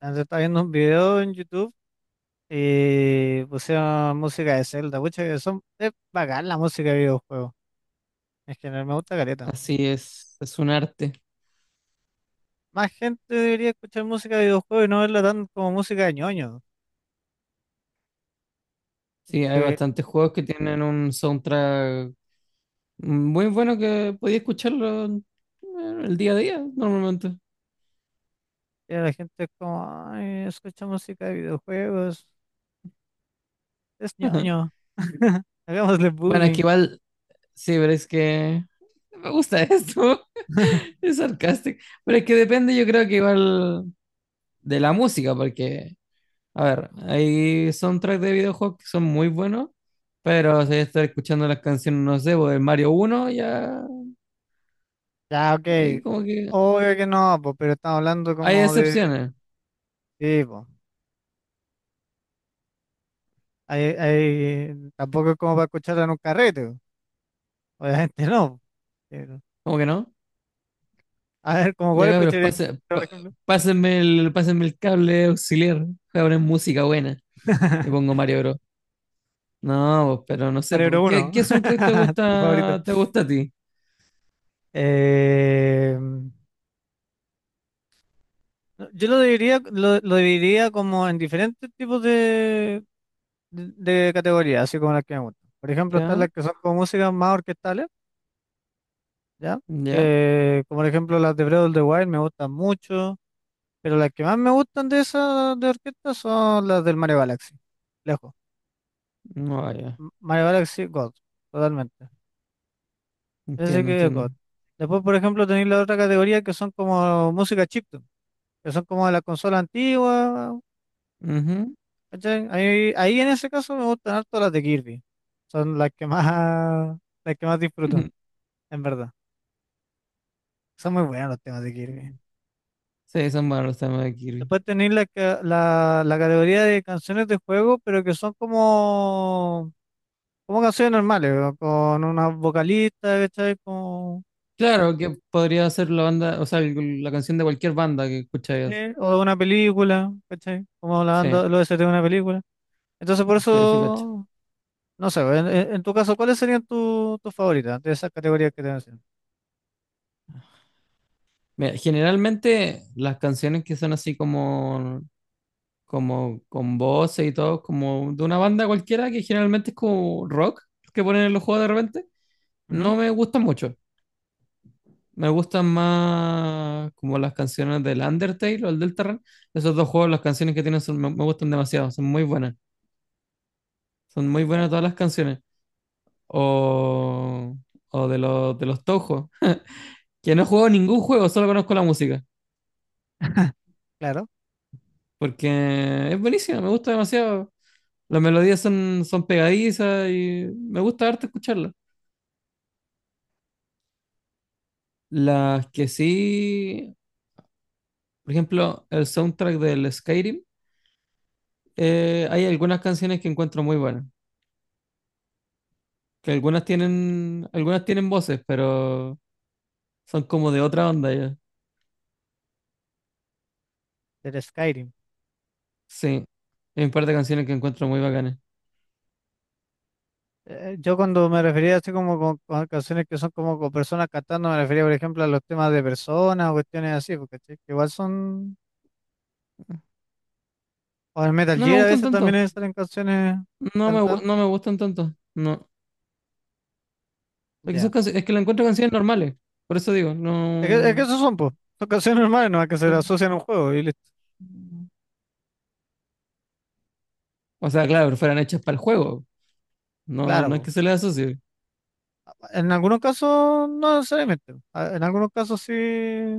Antes estaba viendo un video en YouTube y pusieron música de Zelda. Pucha, es bacán la música de videojuegos. En general me gusta careta. Así es un arte. Más gente debería escuchar música de videojuegos y no verla tan como música de ñoño. Sí, hay Que bastantes juegos que tienen un soundtrack muy bueno que podía escucharlo el día a día normalmente. ya la gente es como, ay, escucha música de videojuegos, es ñoño. Hagámosle Bueno, aquí bullying. igual, sí, pero es que me gusta esto. Es sarcástico. Pero es que depende, yo creo que igual de la música, porque, a ver, hay soundtracks de videojuegos que son muy buenos, pero si estar escuchando las canciones, no sé, pues, del Mario uno ya, Ya, ok. ahí como que Obvio que no, po, pero estamos hablando hay como de. excepciones, Sí, po. Tampoco es como para escucharla en un carrete, po. Obviamente no. como que no. A ver, ¿cómo Ya cuál cabros, escucharía, por ejemplo? pásenme el cable auxiliar, voy a poner música buena y pongo Mario Bros. No, pues, pero no sé, Mario pues, Bros ¿qué, 1, qué soundtrack tu favorito. Te gusta a ti? No, yo lo dividiría, lo dividiría como en diferentes tipos de, de categorías, así como las que me gustan. Por ejemplo, están ¿Ya? las que son como músicas más orquestales, ¿ya? ¿Ya? Que, como por ejemplo, las de Breath of the Wild me gustan mucho, pero las que más me gustan de esas de orquesta son las del Mario Galaxy, lejos. No, ah, ya. Mario Galaxy God, totalmente. Ese Entiendo, que es God. entiendo. Después, por ejemplo, tenéis la otra categoría que son como música chiptune, que son como de la consola antigua, Ujú, ¿cachai? Ahí en ese caso me gustan harto las de Kirby. Son las que más disfruto, ujú. en verdad. Son muy buenos los temas de Kirby. Sí, son buenos los temas de Kirby. Después tenéis la categoría de canciones de juego, pero que son como canciones normales, ¿no? Con una vocalista, ¿cachai? Como, Claro, que podría ser la banda, o sea, la canción de cualquier banda que ¿sí? escucháis. O de una película, ¿cachai? Como la Sí, banda, los OST de una película. Entonces, por sí, sí, cacho. eso, no sé, en tu caso, ¿cuáles serían tus favoritas de esas categorías que te mencioné? Mira, generalmente las canciones que son así como con voces y todo, como de una banda cualquiera que generalmente es como rock que ponen en los juegos de repente, Ujú, no me gustan mucho. Me gustan más como las canciones del Undertale o el Deltarune. Esos dos juegos, las canciones que tienen me gustan demasiado, son muy buenas. Son muy eh, buenas todas las canciones. O, o de los Touhou, que no he jugado ningún juego, solo conozco la música, claro, porque es buenísima, me gusta demasiado. Las melodías son pegadizas y me gusta harto escucharlas. Las que sí, por ejemplo, el soundtrack del Skyrim, hay algunas canciones que encuentro muy buenas, que algunas tienen voces, pero son como de otra onda ya. del Skyrim. Sí, hay un par de canciones que encuentro muy bacanas. Yo cuando me refería así como con canciones que son como con personas cantando, me refería, por ejemplo, a los temas de personas o cuestiones así, porque sí, que igual son. O en Metal No me Gear a gustan veces tanto, también salen canciones cantadas. no me gustan tanto, no. Es que son Ya. canci- es que la encuentro canciones normales, por eso digo, Es que no. esos son, pues, son canciones normales, no es que se le asocian a un juego y listo. O sea, claro, pero fueran hechas para el juego, no, Claro, no es que po. se les asocie. En algunos casos, no necesariamente. En algunos casos sí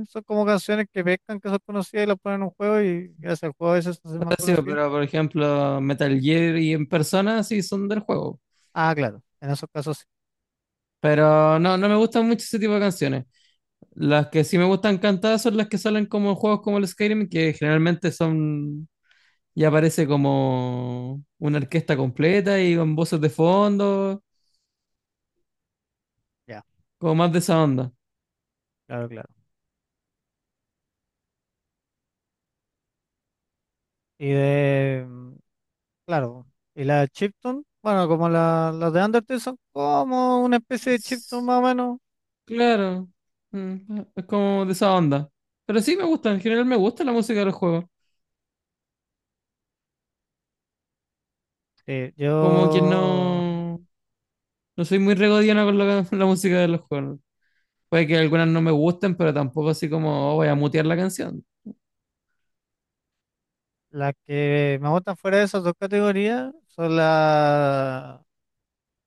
son como canciones que pescan que son conocidas y las ponen en un juego y gracias al juego a veces se hacen más Sí, conocidas. pero por ejemplo, Metal Gear y en persona sí son del juego. Ah, claro, en esos casos sí. Pero no, no me gustan mucho ese tipo de canciones. Las que sí me gustan cantadas son las que salen como en juegos como el Skyrim, que generalmente son. Ya parece como una orquesta completa y con voces de fondo, Ya, como más de esa onda. claro, claro. Y de, claro, y la chiptune, bueno, como las de Undertale son como una especie de chiptune S- más o menos. Claro, es como de esa onda. Pero sí me gusta, en general me gusta la música de los juegos. Sí, Como que yo, no. No soy muy regodiano con la, la música de los juegos. Puede que algunas no me gusten, pero tampoco así como, oh, voy a mutear la canción. las que me gustan fuera de esas dos categorías son la,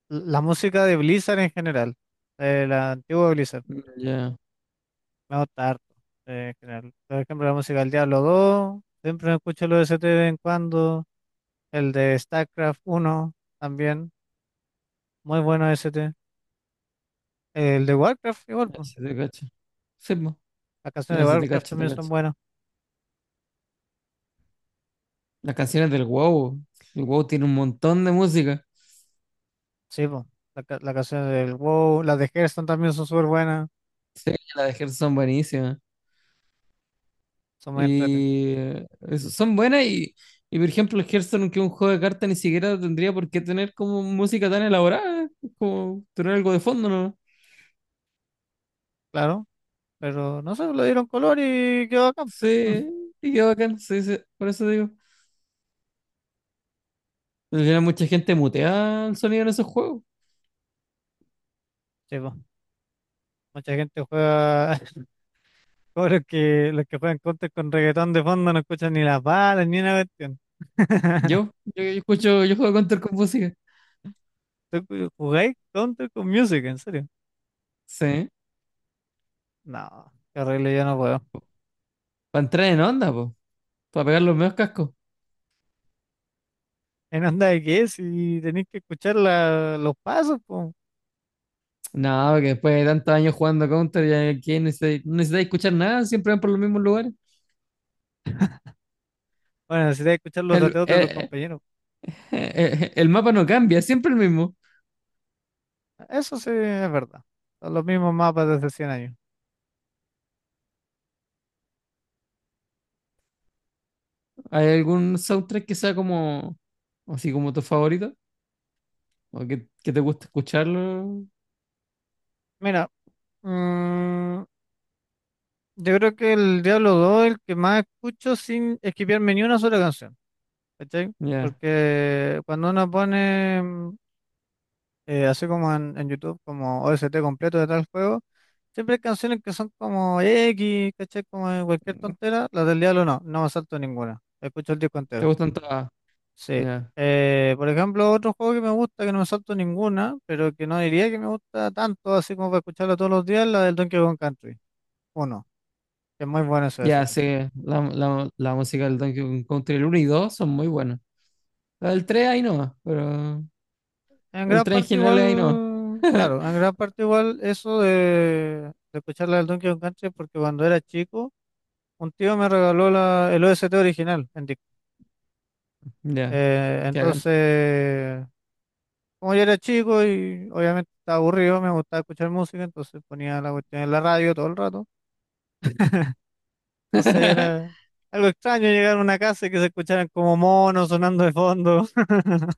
la música de Blizzard en general, de la antigua Blizzard. Mm, ya, Me gusta harto. En general, por ejemplo, la música del Diablo dos, siempre me escucho los ST de vez en cuando. El de StarCraft uno también. Muy bueno ST. El de Warcraft igual, pues. así te cacho. Sí, po. Las canciones Ya, de sí te Warcraft cacho, te también son cacho. buenas. Las canciones del WoW. El WoW tiene un montón de música. Sí, pues. La canción del WoW. Las de Hearthstone también son súper buenas. Sí, las de Hearthstone son buenísimas. Son muy entretenidas. Y eso, son buenas y, por ejemplo, el Hearthstone, que es un juego de cartas, ni siquiera tendría por qué tener como música tan elaborada. Es como tener algo de fondo, ¿no? Claro. Pero no sé, le dieron color y quedó acá. Sí, y qué bacán, sí, sí, por eso digo. Al final mucha gente mutea el sonido en esos juegos. Sí, po. Mucha gente juega, como los que juegan Counter con reggaetón de fondo no escuchan ni las balas ni una cuestión. Yo yo juego Counter con música. ¿Tú jugáis Counter con Music? ¿En serio? Sí. No, qué horrible, yo no puedo. Para entrar en onda, po. Para pegar los mejores cascos. En onda de qué, si tenéis que escuchar los pasos, pues. No, porque después de tantos años jugando Counter, no necesitáis escuchar nada, siempre van por los mismos lugares. Bueno, necesitáis escuchar los El, dateos de tus eh, compañeros. el mapa no cambia, es siempre el mismo. Eso sí es verdad. Son los mismos mapas desde 100 años. ¿Hay algún soundtrack que sea así como tu favorito? ¿O que te gusta escucharlo? Mira, mm, yo creo que el Diablo 2 es el que más escucho sin esquipearme ni una sola canción. ¿Cachai? Ya. Porque cuando uno pone así como en, YouTube, como OST completo de tal juego. Siempre hay canciones que son como X, ¿cachai? Como de cualquier tontera. Las del Diablo no, no me salto ninguna. Escucho el disco ¿Te entero. gustan todas? Sí. Ya. Por ejemplo, otro juego que me gusta, que no me salto ninguna, pero que no diría que me gusta tanto, así como para escucharlo todos los días, la del Donkey Kong Country. Uno, que es muy bueno ese Ya, OST. sí, la música del Donkey Kong Country, el 1 y 2 son muy buenas. El 3 ahí no, pero En el gran tren parte general ahí no. igual, claro, en gran parte igual eso de escuchar la del Donkey Kong Country, porque cuando era chico. Un tío me regaló la, el OST original en disco. Ya, que hagan. Entonces, como yo era chico y obviamente estaba aburrido, me gustaba escuchar música, entonces ponía la cuestión en la radio todo el rato. Entonces era algo extraño llegar a una casa y que se escucharan como monos sonando de fondo.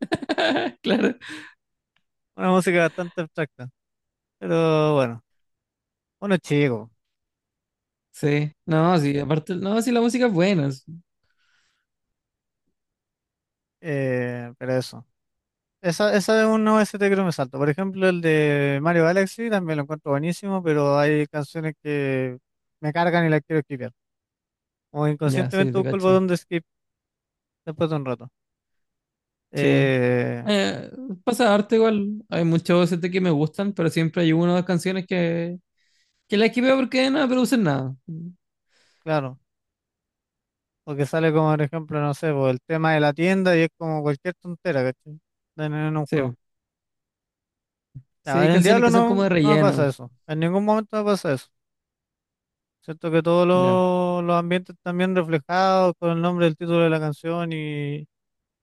Claro, Una música bastante abstracta. Pero bueno, uno es chico. sí. No, sí, aparte, no, sí, la música es buena. Pero eso. Esa es uno de ST que no me salto. Por ejemplo, el de Mario Galaxy también lo encuentro buenísimo, pero hay canciones que me cargan y las quiero skipear. O Ya, sí, inconscientemente te busco el cacho. botón de skip después de un rato. Sí. Eh, Eh, Pasa arte igual. Hay muchos OST que me gustan, pero siempre hay una o dos canciones que las esquipeo porque no me producen nada. claro, porque sale como, por ejemplo, no sé, pues, el tema de la tienda y es como cualquier tontera, ¿cachai? En un juego. Sí, sí, Ya, hay en el canciones Diablo que son no, como de no me pasa relleno. eso. En ningún momento me pasa eso. Siento que todos Ya. los ambientes están bien reflejados con el nombre del título de la canción y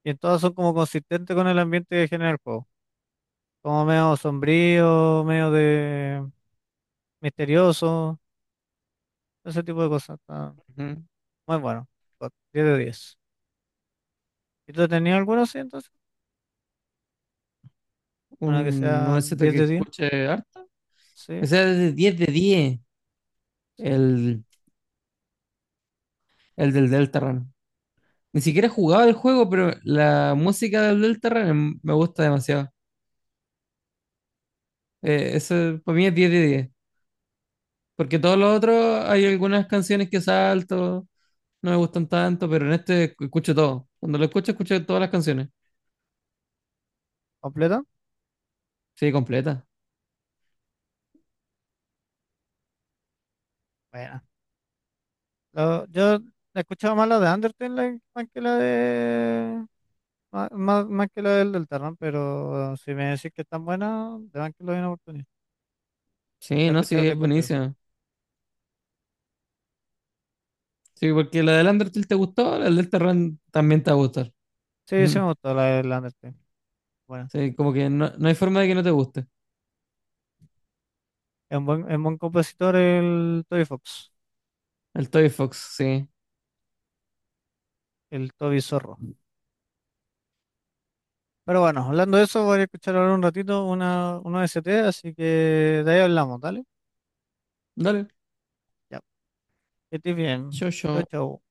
Y en todas son como consistentes con el ambiente que genera el juego. Como medio sombrío, medio de misterioso, ese tipo de cosas. Está Ujú. muy bueno. Got 10 de diez. ¿Y tú tenías alguna así entonces? Una que Un sea OST diez que de diez escuche arte. Sí, Que sea de 10 de 10. sí. El, el del Deltarune. Ni siquiera he jugado el juego, pero la música del Deltarune me gusta demasiado. Eso para mí es 10 de 10. Porque todos los otros hay algunas canciones que salto, no me gustan tanto, pero en este escucho todo. Cuando lo escucho, escucho todas las canciones. ¿Completa? Sí, completa. Bueno. Yo he escuchado más la de Undertale like, más que la de. Más que la del Deltarune, pero si me decís que es tan buena, de verdad que lo doy una oportunidad. Sí, La he no, sí, escuchado de es contero. buenísimo. Sí, porque la del Undertale te gustó, la del Deltarune también te va a gustar. Sí, sí Ujú. me gustó la del Undertale. Bueno. Sí, como que no, no hay forma de que no te guste. Es un buen compositor el Toby Fox, El Toy Fox, sí. el Toby Zorro. Pero bueno, hablando de eso, voy a escuchar ahora un ratito una ST así que de ahí hablamos, ¿dale? Dale. Ya, que estés bien. Yo, Chau, yo. chau.